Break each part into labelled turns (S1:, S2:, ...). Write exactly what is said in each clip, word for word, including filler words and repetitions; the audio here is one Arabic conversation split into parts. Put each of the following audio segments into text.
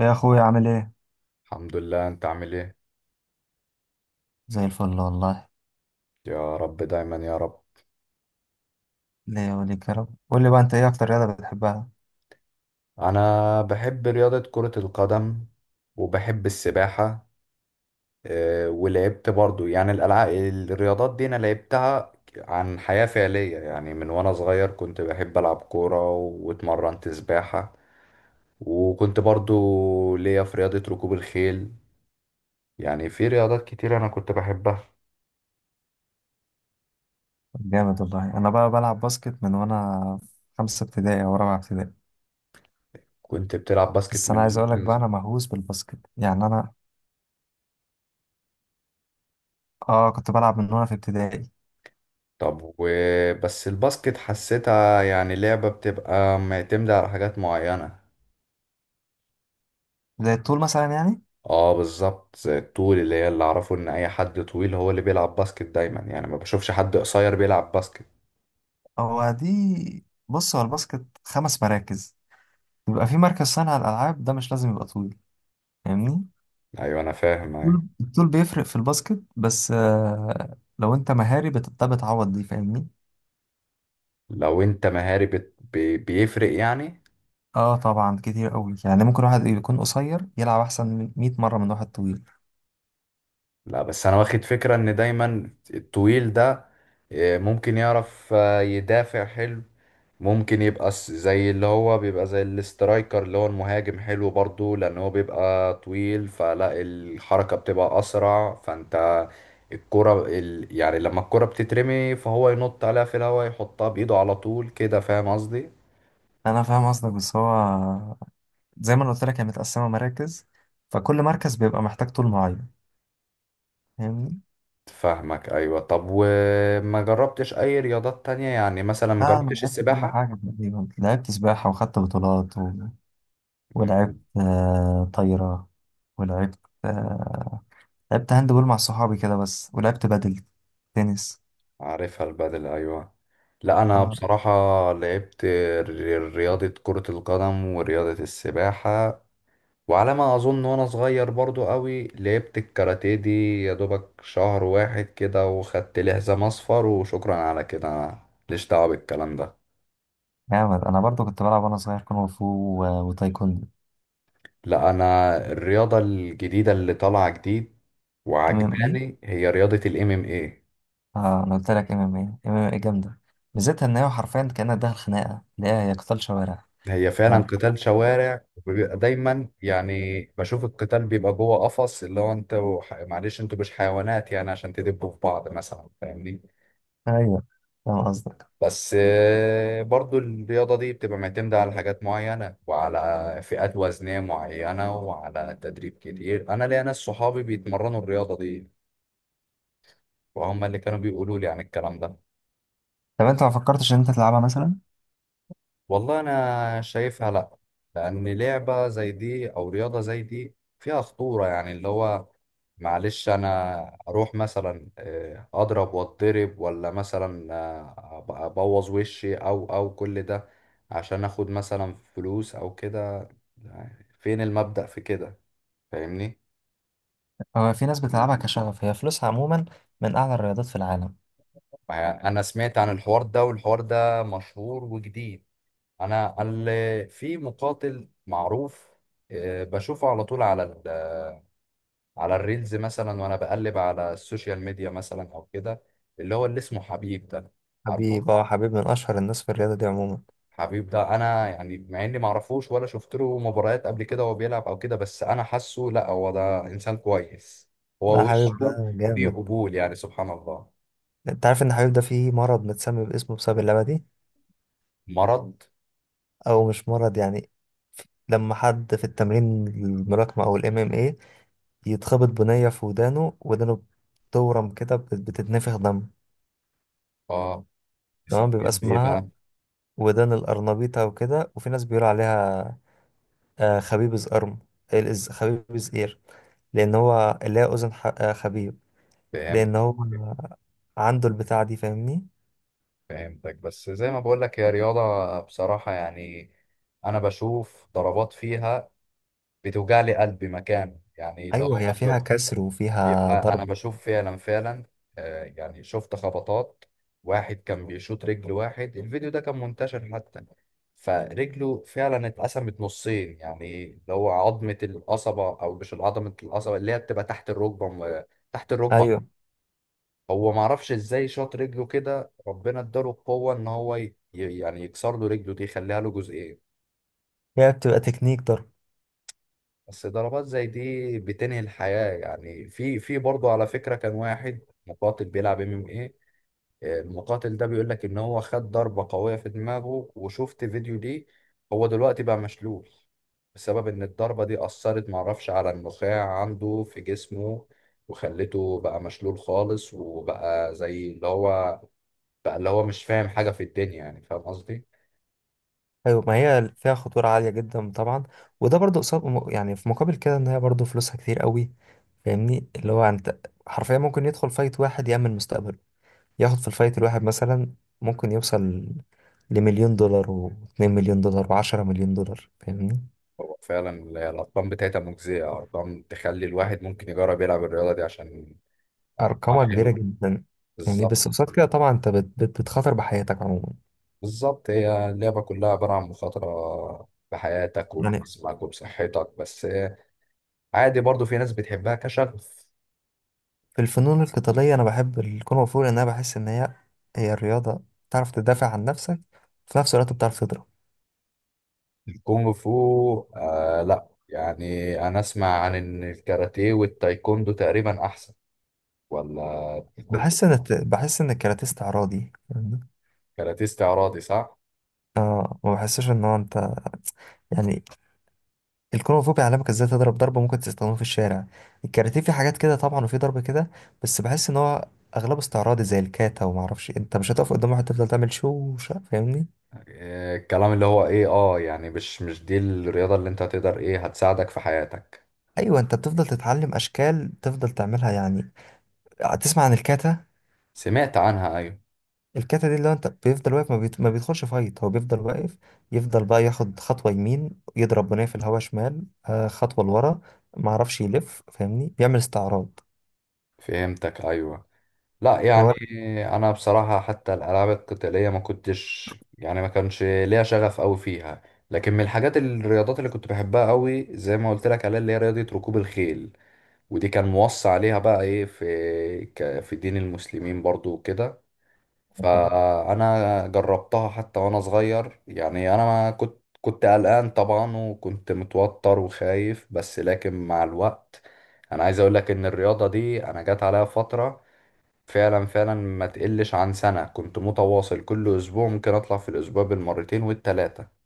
S1: يا اخويا عامل ايه؟
S2: الحمد لله. انت عامل ايه؟
S1: زي الفل والله.
S2: يا رب دايما يا رب.
S1: ليه وليك يا رب. قول لي بقى، انت ايه اكتر رياضه بتحبها؟
S2: انا بحب رياضة كرة القدم وبحب السباحة. اه، ولعبت برضو يعني الالعاب الرياضات دي انا لعبتها عن حياة فعلية، يعني من وانا صغير كنت بحب العب كورة واتمرنت سباحة. وكنت برضو ليا في رياضة ركوب الخيل. يعني في رياضات كتير انا كنت بحبها.
S1: جامد والله. انا بقى بلعب باسكت من وانا في خمسه ابتدائي او رابعه ابتدائي.
S2: كنت بتلعب باسكت
S1: بس انا
S2: من؟
S1: عايز اقول لك بقى، انا مهووس بالباسكت. يعني انا اه كنت بلعب من وانا في ابتدائي.
S2: طب وبس الباسكت حسيتها يعني لعبة بتبقى معتمدة على حاجات معينة.
S1: زي الطول مثلا يعني.
S2: اه بالظبط زي الطول، اللي هي اللي اعرفه ان اي حد طويل هو اللي بيلعب باسكت دايما، يعني ما بشوفش حد قصير بيلعب باسكت.
S1: هو دي بص، هو الباسكت خمس مراكز. يبقى في مركز صانع الالعاب، ده مش لازم يبقى طويل. فاهمني؟
S2: ايوه، انا فاهم، ايوه.
S1: الطول الطول بيفرق في الباسكت، بس آه لو انت مهاري بت- ده بتعوض دي. فاهمني؟
S2: لو انت مهاري بت... بي... بيفرق يعني.
S1: اه طبعا، كتير قوي. يعني ممكن واحد يكون قصير يلعب احسن من مية مره من واحد طويل.
S2: لا، بس انا واخد فكرة ان دايما الطويل ده آه، ممكن يعرف، آه، يدافع حلو. ممكن يبقى س- زي اللي هو بيبقى زي الاسترايكر اللي هو المهاجم حلو برضو، لان هو بيبقى طويل فلا الحركة بتبقى اسرع، فانت الكرة ال... يعني لما الكرة بتترمي فهو ينط عليها في الهواء يحطها بايده على طول كده، فاهم قصدي؟
S1: انا فاهم قصدك، بس هو زي ما أنا قلت لك، هي متقسمه مراكز، فكل مركز بيبقى محتاج طول معين. فاهمني؟
S2: فاهمك، ايوه. طب وما جربتش اي رياضات تانية؟ يعني مثلا ما
S1: لا انا
S2: جربتش
S1: لعبت كل
S2: السباحة؟
S1: حاجه تقريبا. لعبت سباحه وخدت بطولات و... ولعبت
S2: مم.
S1: آه طايره، ولعبت، آه لعبت هاند بول مع صحابي كده بس، ولعبت بدل تنس.
S2: عارفها البدل، ايوه. لا، انا
S1: اه
S2: بصراحة لعبت ر- رياضة كرة القدم ورياضة السباحة. وعلى ما اظن وانا صغير برضو قوي لعبت الكاراتيه دي يا دوبك شهر واحد كده، وخدت لي حزام اصفر، وشكرا على كده، انا ماليش دعوه بالكلام ده.
S1: جامد. انا برضو كنت بلعب وانا صغير كونغ فو و- وتايكوندو.
S2: لا، انا الرياضه الجديده اللي طالعه جديد
S1: ام ام إيه؟
S2: وعجباني هي رياضه الام ام ايه.
S1: اه انا قلت لك ام ام اي. ام ام اي جامده. ميزتها ان هي حرفيا كانها داخل خناقه، اللي هي هي قتال شوارع.
S2: هي
S1: ف-
S2: فعلا قتال شوارع، وبيبقى دايما، يعني بشوف القتال بيبقى جوه قفص، اللي هو انت وح... معلش، انتوا مش حيوانات يعني عشان تدبوا في بعض مثلا، فاهمني؟
S1: ايوه، فاهم قصدك.
S2: بس آه، برضو الرياضة دي بتبقى معتمدة على حاجات معينة وعلى فئات وزنية معينة وعلى تدريب كتير. أنا ليا ناس صحابي بيتمرنوا الرياضة دي وهم اللي كانوا بيقولوا لي عن الكلام ده.
S1: طب انت ما فكرتش ان انت تلعبها مثلا؟
S2: والله أنا شايفها لأ، لأن لعبة زي دي أو رياضة زي دي فيها خطورة، يعني اللي هو معلش، أنا أروح مثلا آه، أضرب وأتضرب، ولا مثلا آه، أبقى أبوظ وشي أو أو كل ده، عشان اخد مثلا فلوس او كده، فين المبدأ في كده؟ فاهمني؟
S1: هو في ناس بتلعبها كشغف. هي فلوسها عموما من اعلى الرياضات في العالم.
S2: انا سمعت عن الحوار ده، والحوار ده مشهور وجديد. انا ال- في مقاتل معروف، آه، بشوفه على طول على ال- على الريلز مثلا وانا بقلب على السوشيال ميديا مثلا او كده، اللي هو اللي اسمه حبيب ده. عارفه.
S1: حبيب، اه، حبيب من اشهر الناس في الرياضه دي عموما.
S2: حبيب ده انا يعني مع اني معرفوش ولا شفت له مباريات قبل كده وهو بيلعب او كده، بس انا حاسه لا، هو ده انسان كويس. هو
S1: لا، حبيب
S2: وشه
S1: ده
S2: فيه
S1: جامد.
S2: قبول، يعني سبحان الله.
S1: انت عارف ان حبيب ده فيه مرض متسمي باسمه بسبب اللعبه دي؟
S2: مرض؟
S1: او مش مرض يعني. لما حد في التمرين، الملاكمه او الام ام اي، يتخبط بنيه في ودانه، ودانه بتورم كده، بت- بتتنفخ دم.
S2: اه. يسميه
S1: تمام، بيبقى
S2: ايه
S1: اسمها
S2: بقى؟
S1: ودان الأرنبيطة، وكده. وفي ناس بيقولوا عليها آه، خبيب زقرم، الز- خبيب زقير، لأن هو اللي هي أذن ح- آه، خبيب.
S2: فهمت.
S1: لأن هو عنده البتاعة دي. فاهمني؟
S2: فهمتك. بس زي ما بقول لك، هي رياضة بصراحة يعني انا بشوف ضربات فيها بتوجع لي قلبي مكان، يعني اللي
S1: أيوه،
S2: هو
S1: هي
S2: انا
S1: فيها
S2: ب-
S1: كسر وفيها
S2: بيبقى انا
S1: ضرب.
S2: بشوف فعلا فعلا، آه، يعني شفت خبطات. واحد كان بيشوط رجل، واحد الفيديو ده كان منتشر حتى، فرجله فعلا اتقسمت نصين، يعني اللي هو عظمة القصبة او مش عظمة القصبة اللي هي بتبقى تحت الركبة، تحت الركبة.
S1: أيوه،
S2: هو ما اعرفش ازاي شاط رجله كده، ربنا اداله القوه ان هو ي... ي- يعني يكسر له رجله دي يخليها له جزئين.
S1: هي بتبقى تكنيك ضرب.
S2: بس ضربات زي دي بتنهي الحياه، يعني في في برضه على فكره، كان واحد مقاتل بيلعب ام ام ايه. آه، المقاتل ده بيقول لك ان هو خد ضربه قويه في دماغه، وشفت فيديو ليه. هو دلوقتي بقى مشلول بسبب ان الضربه دي اثرت، ما اعرفش، على النخاع عنده في جسمه، وخلته بقى مشلول خالص، وبقى زي اللي هو فاللي هو مش فاهم حاجة في الدنيا، يعني فاهم قصدي؟
S1: أيوه، ما هي فيها خطورة عالية جدا طبعا. وده برضه قصاد، يعني في مقابل كده إن هي برضه فلوسها كتير قوي. فاهمني؟ اللي هو أنت حرفيا ممكن يدخل فايت واحد يأمن مستقبله. ياخد في الفايت الواحد مثلا، ممكن يوصل لمليون دولار واتنين مليون دولار وعشرة مليون دولار. فاهمني؟
S2: هو فعلا ال- الأرقام بتاعتها مجزية، أرقام تخلي الواحد ممكن يجرب يلعب الرياضة دي عشان آه،
S1: أرقامها كبيرة
S2: حلوة.
S1: جدا. فاهمني؟
S2: بالظبط.
S1: بس قصاد كده طبعا أنت بت بت بتخاطر بحياتك عموما.
S2: بالظبط، هي اللعبة كلها عبارة عن مخاطرة بحياتك
S1: يعني
S2: وبجسمك وبصحتك، بس آه، عادي، برضو في ناس بتحبها كشغف.
S1: في الفنون القتالية أنا بحب الكونغ فو، لأن أنا بحس إن هي هي الرياضة بتعرف تدافع عن نفسك، في نفس الوقت بتعرف تضرب.
S2: الكونغ فو آه، لا، يعني أنا أسمع عن إن الكاراتيه والتايكوندو تقريبا أحسن ولا الكونغ.
S1: بحس إن الت- بحس إن الكاراتيه استعراضي. فاهمني؟
S2: كاراتيه استعراضي صح؟
S1: آه، ما بحسش إن هو أنت، يعني الكونغ فو بيعلمك ازاي تضرب ضربة ممكن تستخدمه في الشارع. الكاراتيه في حاجات كده طبعا وفي ضرب كده، بس بحس ان هو اغلبه استعراضي، زي الكاتا وما اعرفش إيه. انت مش هتقف قدام واحد تفضل تعمل شو شو- فاهمني.
S2: آه، الكلام اللي هو ايه، اه يعني مش مش دي الرياضة اللي انت هتقدر ايه هتساعدك في حياتك.
S1: ايوه، انت بتفضل تتعلم اشكال تفضل تعملها يعني. هتسمع عن الكاتا؟
S2: سمعت عنها، ايوه.
S1: الكاتا دي، اللي هو انت بيفضل واقف، ما, بيت... ما بيدخلش فايت، هو بيفضل واقف، يفضل بقى ياخد خطوة يمين، يضرب بنيه في الهواء شمال، آه، خطوة لورا، ما اعرفش يلف. فاهمني؟ بيعمل استعراض
S2: فهمتك، ايوه. لا، يعني
S1: هو.
S2: انا بصراحة حتى الالعاب القتالية ما كنتش، يعني ما كانش ليا شغف قوي فيها. لكن من الحاجات الرياضات اللي كنت بحبها قوي زي ما قلت لك عليها، اللي هي رياضة ركوب الخيل. ودي كان موصى عليها بقى ايه في ك- في دين المسلمين برضو وكده. فانا جربتها حتى وانا صغير، يعني انا ما كنت كنت قلقان طبعا وكنت متوتر وخايف، بس لكن مع الوقت انا عايز اقول لك ان الرياضة دي انا جات عليها فترة، فعلا فعلا ما تقلش عن سنة كنت متواصل كل اسبوع، ممكن اطلع في الاسبوع بالمرتين والتلاتة.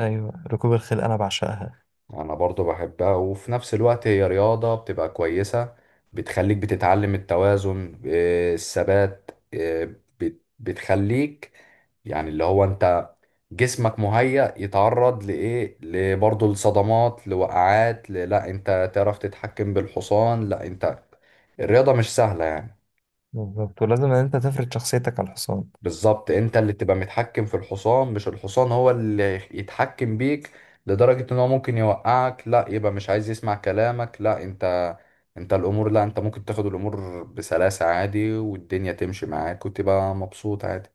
S1: ايوه ركوب الخيل انا بعشقها.
S2: انا برضو بحبها وفي نفس الوقت هي رياضة بتبقى كويسة، بتخليك بتتعلم التوازن، آه، الثبات، آه، بت- بتخليك يعني اللي هو انت جسمك مهيأ يتعرض لإيه لبرضه لصدمات لوقعات، ل- لا انت تعرف تتحكم بالحصان لا انت، الرياضة مش سهلة يعني.
S1: بالظبط، ولازم ان انت تفرض شخصيتك على الحصان.
S2: بالظبط، انت اللي تبقى متحكم في الحصان، مش الحصان هو اللي يتحكم بيك، لدرجة ان هو ممكن يوقعك، لا يبقى مش عايز يسمع كلامك، لا انت انت الامور، لا انت ممكن تاخد الامور بسلاسة عادي والدنيا تمشي معاك وتبقى مبسوط عادي.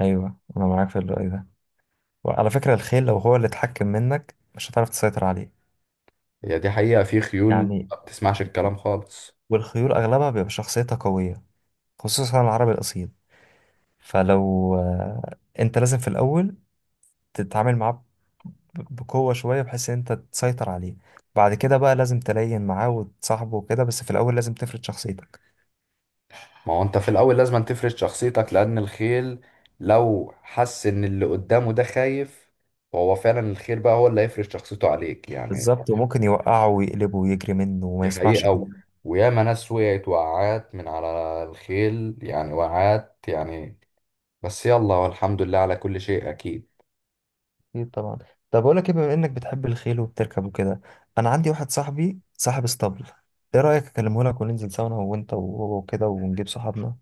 S1: ايوه، انا معاك في الرأي ده. وعلى فكرة، الخيل لو هو اللي اتحكم منك مش هتعرف تسيطر عليه
S2: هي دي حقيقة، في خيول
S1: يعني.
S2: ما بتسمعش الكلام خالص.
S1: والخيول اغلبها بيبقى شخصيتها قوية، خصوصا العربي الاصيل. فلو آه، انت لازم في الاول تتعامل معاه ب- بقوة شوية، بحيث ان انت تسيطر عليه. بعد كده بقى لازم تلين معاه وتصاحبه وكده، بس في الاول لازم تفرض شخصيتك.
S2: ما هو انت في الاول لازم أن تفرض شخصيتك، لان الخيل لو حس ان اللي قدامه ده خايف فهو فعلا الخيل بقى هو اللي هيفرض شخصيته عليك يعني.
S1: بالظبط، وممكن يوقعه ويقلبه ويجري منه وما
S2: دي
S1: يسمعش.
S2: حقيقة. و- وياما ناس وقعت وقعات من على الخيل، يعني وقعات يعني. بس يلا، والحمد لله على كل شيء. أكيد.
S1: اكيد طبعا. طب اقول لك ايه، بما انك بتحب الخيل وبتركب وكده، انا عندي واحد صاحبي صاحب اسطبل، ايه رايك اكلمه لك وننزل سوا انا وانت وهو وكده، ونجيب صحابنا؟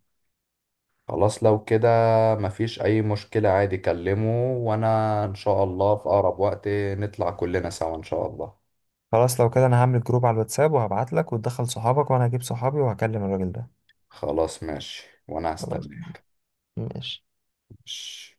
S2: خلاص لو كده مفيش أي مشكلة عادي، كلمه وأنا إن شاء الله في أقرب وقت نطلع كلنا سوا إن شاء الله.
S1: خلاص لو كده، انا هعمل جروب على الواتساب وهبعت لك وتدخل صحابك، وانا هجيب صحابي وهكلم الراجل ده.
S2: خلاص ماشي، وأنا
S1: خلاص
S2: هستناك.
S1: ماشي.
S2: ماشي.